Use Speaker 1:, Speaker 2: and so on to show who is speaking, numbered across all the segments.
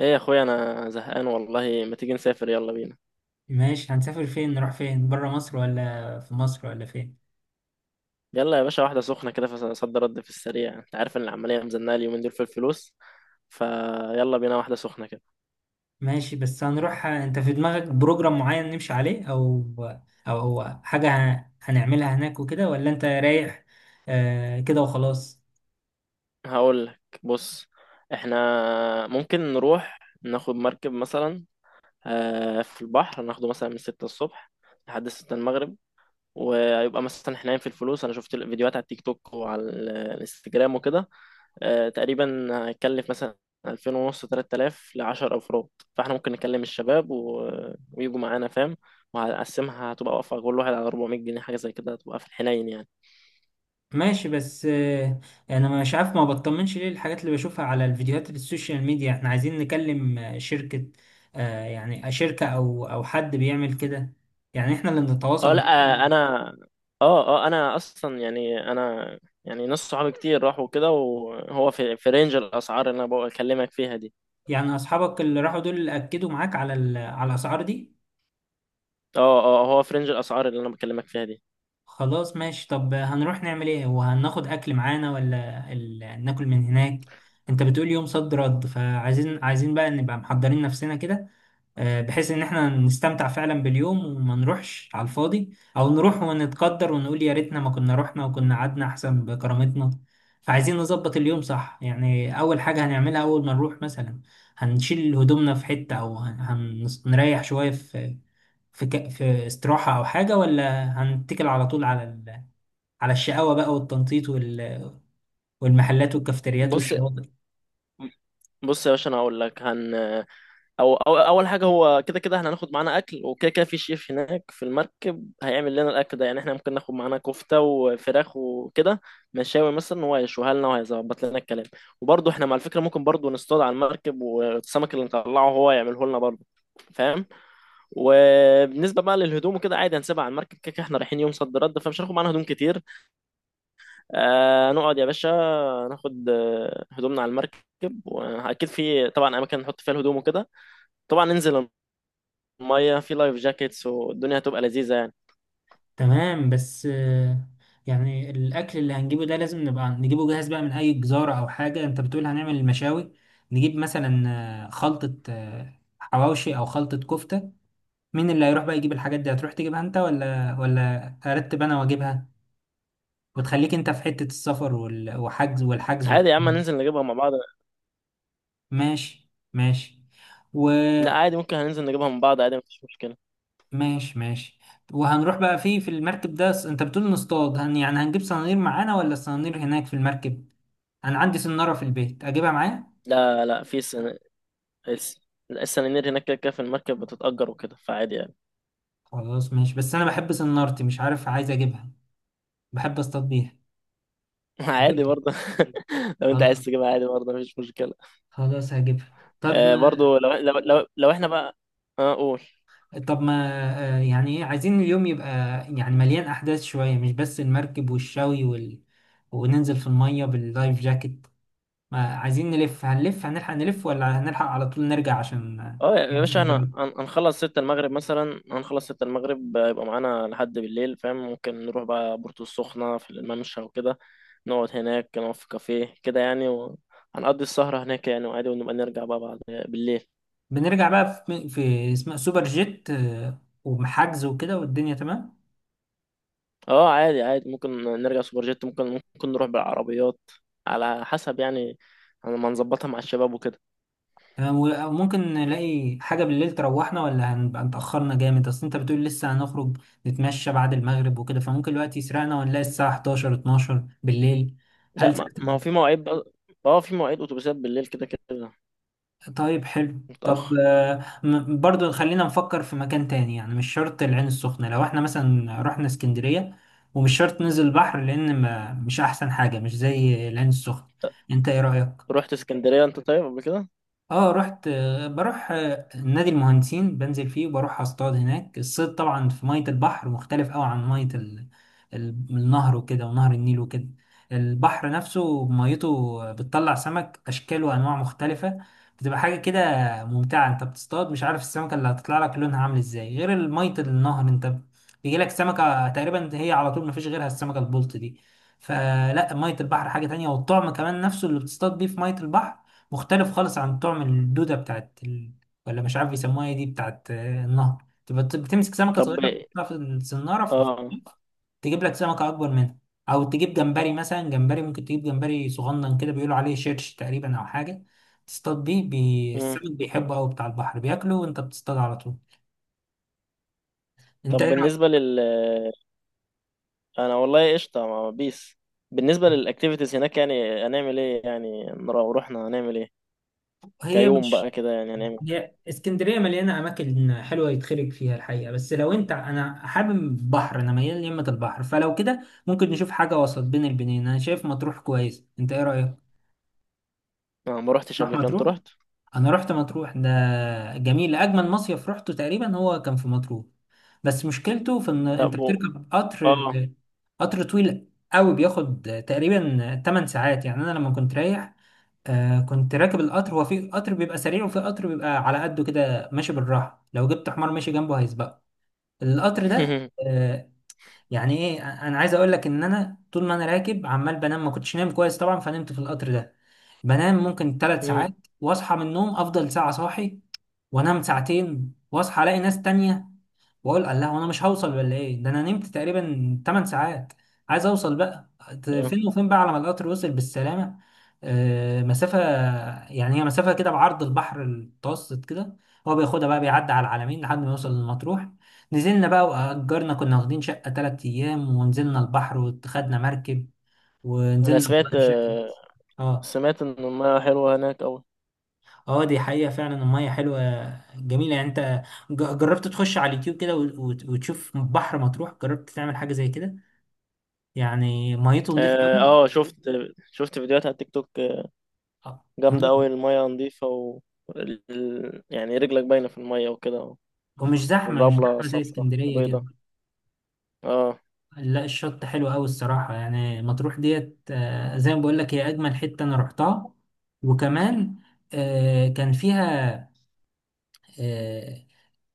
Speaker 1: ايه يا اخويا، انا زهقان والله. ما تيجي نسافر؟ يلا بينا.
Speaker 2: ماشي، هنسافر فين؟ نروح فين؟ بره مصر، ولا في مصر، ولا فين؟
Speaker 1: يلا يا باشا، واحده سخنه كده، فصد رد في السريع. انت عارف ان العمليه مزنقه اليومين دول في الفلوس. فيلا بينا واحده سخنه كده.
Speaker 2: ماشي، بس هنروح، انت في دماغك بروجرام معين نمشي عليه، او هو حاجة هنعملها هناك وكده، ولا انت رايح؟ آه، كده وخلاص.
Speaker 1: هقول لك بص، احنا ممكن نروح ناخد مركب مثلا. في البحر ناخده مثلا من 6 الصبح لحد 6 المغرب. ويبقى مثلا احنا في الفلوس. انا شفت الفيديوهات على التيك توك وعلى الانستجرام وكده. تقريبا هيكلف مثلا 2000 ونص، 3000 ل 10 أفراد. فاحنا ممكن نكلم الشباب ويجوا معانا، فاهم. وهقسمها هتبقى واقفة كل واحد على 400 جنيه حاجة زي كده، هتبقى في الحنين يعني.
Speaker 2: ماشي، بس انا مش عارف، ما بطمنش ليه الحاجات اللي بشوفها على الفيديوهات اللي السوشيال ميديا. احنا عايزين نكلم شركة، يعني شركة او حد بيعمل كده، يعني احنا اللي
Speaker 1: اه،
Speaker 2: نتواصل.
Speaker 1: لا، حلو. انا، اه، اه، انا اصلا، يعني، انا يعني ناس صحابي كتير راحوا كده، وهو في رينج الاسعار اللي انا بكلمك فيها دي.
Speaker 2: يعني اصحابك اللي راحوا دول اكدوا معاك على على الاسعار دي؟
Speaker 1: اه، اه، هو في رينج الاسعار اللي انا بكلمك فيها دي.
Speaker 2: خلاص، ماشي، طب هنروح نعمل ايه؟ وهناخد اكل معانا ولا ناكل من هناك؟ انت بتقول يوم صد رد، فعايزين بقى نبقى محضرين نفسنا كده، بحيث ان احنا نستمتع فعلا باليوم، وما نروحش على الفاضي، او نروح ونتقدر ونقول يا ريتنا ما كنا رحنا وكنا قعدنا احسن بكرامتنا. فعايزين نظبط اليوم صح، يعني اول حاجة هنعملها اول ما نروح، مثلا هنشيل هدومنا في حتة، او هنريح شوية في في استراحة او حاجة، ولا هنتكل على طول على على الشقاوة بقى والتنطيط والمحلات والكافتريات
Speaker 1: بص،
Speaker 2: والشواطئ؟
Speaker 1: بص يا باشا، انا هقول لك او اول حاجه، هو كده كده احنا هناخد معانا اكل وكده. كده في شيف هناك في المركب هيعمل لنا الاكل ده. يعني احنا ممكن ناخد معانا كفته وفراخ وكده، مشاوي مثلا، هو هيشويها لنا وهيظبط لنا الكلام. وبرضه احنا مع الفكره ممكن برضه نصطاد على المركب، والسمك اللي نطلعه هو يعمله لنا برضه، فاهم. وبالنسبه بقى للهدوم وكده عادي هنسيبها على المركب، كده كده احنا رايحين يوم صد رد، فمش هناخد معانا هدوم كتير. آه نقعد يا باشا، ناخد هدومنا على المركب. واكيد في طبعا اماكن نحط فيها الهدوم وكده. طبعا ننزل ميه في لايف جاكيتس والدنيا هتبقى لذيذه يعني.
Speaker 2: تمام، بس يعني الأكل اللي هنجيبه ده لازم نبقى نجيبه جاهز بقى من أي جزارة أو حاجة. أنت بتقول هنعمل المشاوي، نجيب مثلا خلطة، حواوشي أو خلطة كفتة. مين اللي هيروح بقى يجيب الحاجات دي؟ هتروح تجيبها أنت ولا أرتب أنا وأجيبها، وتخليك أنت في حتة السفر وحجز والحجز و...
Speaker 1: عادي يا عم، ننزل نجيبها مع بعض.
Speaker 2: ماشي، ماشي،
Speaker 1: لا
Speaker 2: وماشي،
Speaker 1: عادي، ممكن هننزل نجيبها مع بعض، عادي مفيش مشكله.
Speaker 2: ماشي، وهنروح بقى فيه في المركب ده. أنت بتقول نصطاد، يعني هنجيب صنانير معانا، ولا الصنانير هناك في المركب؟ انا عندي سنارة في البيت، اجيبها معايا.
Speaker 1: لا، لا، في الس... السنانير هناك كده كده في المركب بتتأجر وكده، فعادي يعني.
Speaker 2: خلاص، ماشي، بس انا بحب سنارتي، مش عارف، عايز اجيبها، بحب اصطاد بيها.
Speaker 1: عادي
Speaker 2: هجيبها.
Speaker 1: برضه. لو انت عايز
Speaker 2: خلاص،
Speaker 1: تجيبها، عادي برضه، مفيش مشكله.
Speaker 2: خلاص، هجيبها. طب
Speaker 1: آه برضه
Speaker 2: ما،
Speaker 1: لو احنا بقى. اه، قول.
Speaker 2: طب ما، يعني ايه عايزين اليوم يبقى؟ يعني مليان احداث شوية، مش بس المركب والشوي وننزل في المية باللايف جاكيت. ما عايزين نلف؟ هنلف، هنلحق نلف، ولا هنلحق على طول نرجع عشان
Speaker 1: اه يا باشا، احنا
Speaker 2: نتصدر؟
Speaker 1: هنخلص ستة المغرب مثلا، هنخلص ستة المغرب، يبقى معانا لحد بالليل، فاهم. ممكن نروح بقى بورتو السخنة في الممشى وكده، نقعد هناك، نقعد في كافيه كده يعني، وهنقضي السهرة هناك يعني، وعادي، ونبقى نرجع بقى بعد بالليل.
Speaker 2: بنرجع بقى في اسمها سوبر جيت، ومحجز وكده والدنيا تمام.
Speaker 1: اه عادي، عادي، ممكن نرجع سوبر جيت، ممكن نروح بالعربيات، على حسب يعني، ما نظبطها مع الشباب وكده.
Speaker 2: تمام، وممكن نلاقي حاجة بالليل تروحنا، ولا هنبقى اتأخرنا جامد؟ أصل أنت بتقول لسه هنخرج نتمشى بعد المغرب وكده، فممكن الوقت يسرقنا ونلاقي الساعة 11 12 بالليل.
Speaker 1: لا،
Speaker 2: هل؟
Speaker 1: ما هو في مواعيد بقى. اه، في مواعيد اتوبيسات بالليل، كده كده
Speaker 2: طيب، حلو، طب
Speaker 1: متأخر.
Speaker 2: برضو خلينا نفكر في مكان تاني، يعني مش شرط العين السخنة، لو احنا مثلا رحنا اسكندرية. ومش شرط ننزل البحر، لأن ما مش أحسن حاجة، مش زي العين السخنة. أنت إيه رأيك؟
Speaker 1: رحت اسكندرية انت طيب قبل كده؟
Speaker 2: اه، رحت، بروح، نادي المهندسين بنزل فيه، وبروح اصطاد هناك. الصيد طبعا في مية البحر مختلف قوي عن مية النهر وكده، ونهر النيل وكده. البحر نفسه ميته بتطلع سمك اشكال وانواع مختلفة، بتبقى حاجة كده ممتعة. انت بتصطاد، مش عارف السمكة اللي هتطلع لك لونها عامل ازاي، غير مية النهر، انت بيجيلك سمكة تقريبا هي على طول مفيش غيرها، السمكة البلطي دي. فلا، مية البحر حاجة تانية، والطعم كمان نفسه اللي بتصطاد بيه في مية البحر مختلف خالص عن طعم الدودة بتاعت ولا مش عارف يسموها ايه، دي بتاعت النهر، تبقى بتمسك سمكة
Speaker 1: طب،
Speaker 2: صغيرة، تحطها في الصنارة في الخلاط،
Speaker 1: اه،
Speaker 2: تجيب لك سمكة أكبر منها. أو تجيب جمبري، مثلا جمبري ممكن تجيب جمبري صغنن كده، بيقولوا عليه شيرش تقريبا أو حاجة، تصطاد بيه
Speaker 1: مم.
Speaker 2: السمك بيحبه أوي بتاع البحر، بياكله وأنت بتصطاد على طول.
Speaker 1: طب،
Speaker 2: أنت إيه رأيك؟
Speaker 1: بالنسبة أنا والله قشطة مع بيس. بالنسبة للأكتيفيتيز هناك، يعني هنعمل إيه؟ يعني رحنا هنعمل إيه؟
Speaker 2: هي
Speaker 1: كيوم بقى
Speaker 2: مش
Speaker 1: كده يعني هنعمل.
Speaker 2: هي اسكندريه مليانه اماكن حلوه يتخرج فيها الحقيقه، بس لو انت... انا حابب بحر، انا ميال ليمة البحر، فلو كده ممكن نشوف حاجه وسط بين البنين. انا شايف مطروح كويس، انت ايه رايك؟
Speaker 1: أنا ما روحتش
Speaker 2: نروح
Speaker 1: قبل كده، أنت
Speaker 2: مطروح.
Speaker 1: رحت؟
Speaker 2: انا رحت مطروح ده، جميل، اجمل مصيف رحته تقريبا هو كان في مطروح. بس مشكلته في ان
Speaker 1: لا
Speaker 2: انت
Speaker 1: بو
Speaker 2: بتركب قطر،
Speaker 1: آه.
Speaker 2: قطر طويل قوي، بياخد تقريبا 8 ساعات. يعني انا لما كنت رايح، كنت راكب القطر، هو في قطر بيبقى سريع وفي قطر بيبقى على قده كده ماشي بالراحه، لو جبت حمار ماشي جنبه هيسبقه القطر ده. آه يعني ايه، انا عايز اقول لك ان انا طول ما انا راكب عمال بنام، ما كنتش نايم كويس طبعا فنمت في القطر ده. بنام ممكن ثلاث
Speaker 1: مم.
Speaker 2: ساعات واصحى من النوم افضل ساعة صاحي، وانام ساعتين واصحى الاقي ناس تانية، واقول الله وانا مش هوصل ولا ايه، ده انا نمت تقريبا 8 ساعات، عايز اوصل بقى.
Speaker 1: آه.
Speaker 2: فين وفين بقى على ما القطر وصل بالسلامة. مسافة يعني، هي مسافة كده بعرض البحر المتوسط كده، هو بياخدها بقى بيعدي على العلمين لحد ما يوصل لمطروح. نزلنا بقى، وأجرنا كنا واخدين شقة 3 أيام، ونزلنا البحر وخدنا مركب،
Speaker 1: أنا
Speaker 2: ونزلنا
Speaker 1: سمعت
Speaker 2: بقى بشكل... اه،
Speaker 1: سمعت إن المياه حلوة هناك أوي.
Speaker 2: اه، دي حقيقة فعلا، المية حلوة، جميلة يعني. انت جربت تخش على اليوتيوب كده وتشوف بحر مطروح، جربت تعمل حاجة زي كده؟ يعني ميته نضيفة
Speaker 1: آه
Speaker 2: قوي.
Speaker 1: آه، شفت فيديوهات على التيك توك. جامدة أوي،
Speaker 2: مم.
Speaker 1: المياه نظيفة، و يعني رجلك باينة في المياه وكده.
Speaker 2: ومش زحمة، مش
Speaker 1: والرملة
Speaker 2: زحمة، زي
Speaker 1: صفرا
Speaker 2: اسكندرية كده.
Speaker 1: وبيضة. آه.
Speaker 2: لا، الشط حلو قوي الصراحة، يعني مطروح ديت زي ما بقول لك هي أجمل حتة أنا رحتها. وكمان، كان فيها آه،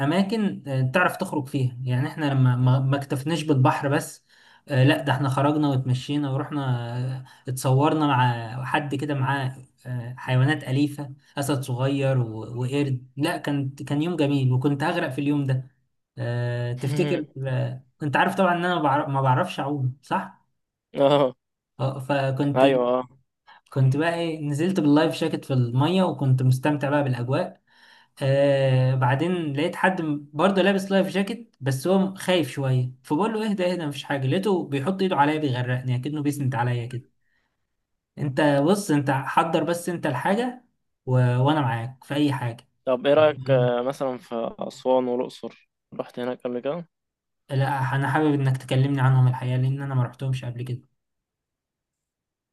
Speaker 2: اماكن تعرف تخرج فيها، يعني احنا لما ما اكتفناش بالبحر بس، لا ده احنا خرجنا واتمشينا ورحنا، اتصورنا مع حد كده معاه، حيوانات أليفة، أسد صغير وقرد. لا، كان يوم جميل. وكنت هغرق في اليوم ده، تفتكر، انت عارف طبعا ان انا ما بعرفش اعوم صح.
Speaker 1: آه.
Speaker 2: اه، فكنت...
Speaker 1: أيوه، آه.
Speaker 2: كنت بقى ايه، نزلت باللايف جاكيت في الميه وكنت مستمتع بقى بالاجواء. بعدين لقيت حد برضه لابس لايف جاكيت، بس هو خايف شويه، فبقول له اهدى، اهدى، مفيش حاجه، لقيته بيحط ايده عليا بيغرقني اكنه بيسند عليا كده. انت بص، انت حضر، بس انت الحاجه وانا معاك في اي حاجه.
Speaker 1: طب ايه رأيك مثلا في أسوان والأقصر، رحت هناك قبل كده؟
Speaker 2: لا، انا حابب انك تكلمني عنهم الحقيقه، لان انا ما رحتهمش قبل كده.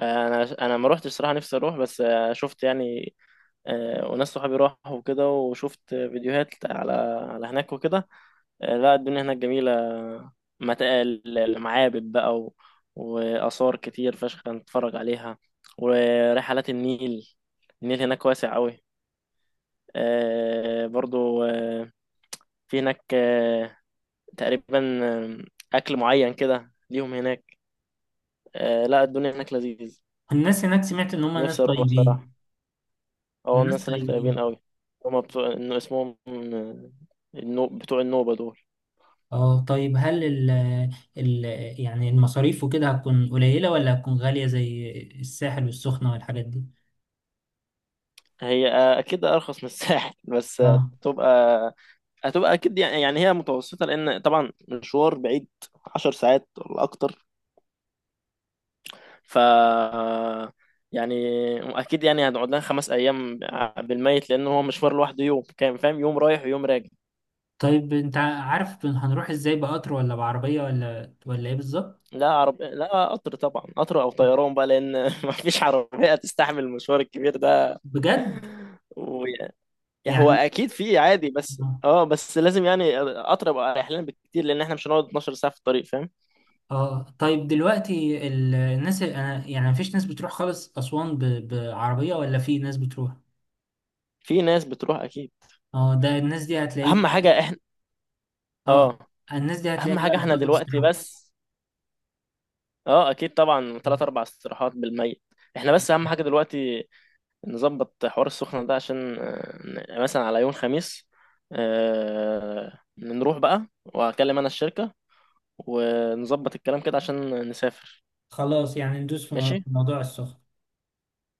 Speaker 1: انا ما روحتش صراحة، نفسي اروح بس. شفت يعني، وناس صحابي راحوا وكده، وشفت فيديوهات على هناك وكده. آه، لا، الدنيا هناك جميلة. المعابد بقى وآثار كتير فشخ نتفرج عليها، ورحلات النيل. النيل هناك واسع قوي. برضو، في هناك، تقريبا، أكل معين كده ليهم هناك. آه، لا، الدنيا هناك لذيذ.
Speaker 2: الناس هناك سمعت ان هم ناس
Speaker 1: نفسي اروح صراحة.
Speaker 2: طيبين.
Speaker 1: اه،
Speaker 2: الناس
Speaker 1: الناس هناك طيبين
Speaker 2: طيبين.
Speaker 1: قوي. هما بتوع، انه اسمهم، بتوع النوبة دول.
Speaker 2: اه، طيب، هل ال... يعني المصاريف وكده هتكون قليله ولا هتكون غاليه زي الساحل والسخنه والحاجات دي؟
Speaker 1: هي، اكيد ارخص من الساحل، بس
Speaker 2: اه،
Speaker 1: هتبقى اكيد يعني هي متوسطة، لان طبعا مشوار بعيد. 10 ساعات ولا اكتر، ف، يعني، اكيد يعني هنقعد لنا 5 ايام بالميت، لان هو مشوار لوحده يوم كام، فاهم، يوم رايح ويوم راجع.
Speaker 2: طيب، انت عارف هنروح ازاي؟ بقطر ولا بعربية ولا ايه بالظبط؟
Speaker 1: لا قطر، طبعا قطر او طيران بقى، لان ما فيش عربيه تستحمل المشوار الكبير ده.
Speaker 2: بجد؟
Speaker 1: ويعني، هو
Speaker 2: يعني
Speaker 1: اكيد في عادي، بس
Speaker 2: اه،
Speaker 1: اه، بس لازم يعني قطر يبقى اريح لنا بكتير، لان احنا مش هنقعد 12 ساعه في الطريق، فاهم.
Speaker 2: طيب دلوقتي الناس، انا يعني مفيش ناس بتروح خالص اسوان بعربية ولا في ناس بتروح؟
Speaker 1: في ناس بتروح اكيد.
Speaker 2: اه، ده الناس دي هتلاقيه.
Speaker 1: اهم حاجه احنا
Speaker 2: اه،
Speaker 1: اه
Speaker 2: الناس دي
Speaker 1: اهم
Speaker 2: هتلاقيها
Speaker 1: حاجه
Speaker 2: بقى
Speaker 1: احنا
Speaker 2: بتاخد
Speaker 1: دلوقتي
Speaker 2: استراحة.
Speaker 1: بس. اه اكيد طبعا، ثلاث اربع استراحات بالميت. احنا بس، اهم حاجه دلوقتي نظبط حوار السخنة ده، عشان مثلا على يوم خميس، نروح بقى، وهكلم أنا الشركة، ونظبط الكلام كده عشان نسافر.
Speaker 2: خلاص، يعني ندوس في في
Speaker 1: ماشي.
Speaker 2: موضوع السخن.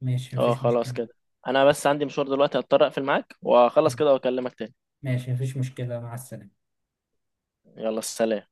Speaker 2: ماشي،
Speaker 1: اه
Speaker 2: مفيش
Speaker 1: خلاص
Speaker 2: مشكلة.
Speaker 1: كده. أنا بس عندي مشوار دلوقتي، هضطر أقفل معاك وأخلص كده وأكلمك تاني.
Speaker 2: ماشي، مفيش مشكلة، مع السلامة.
Speaker 1: يلا سلام.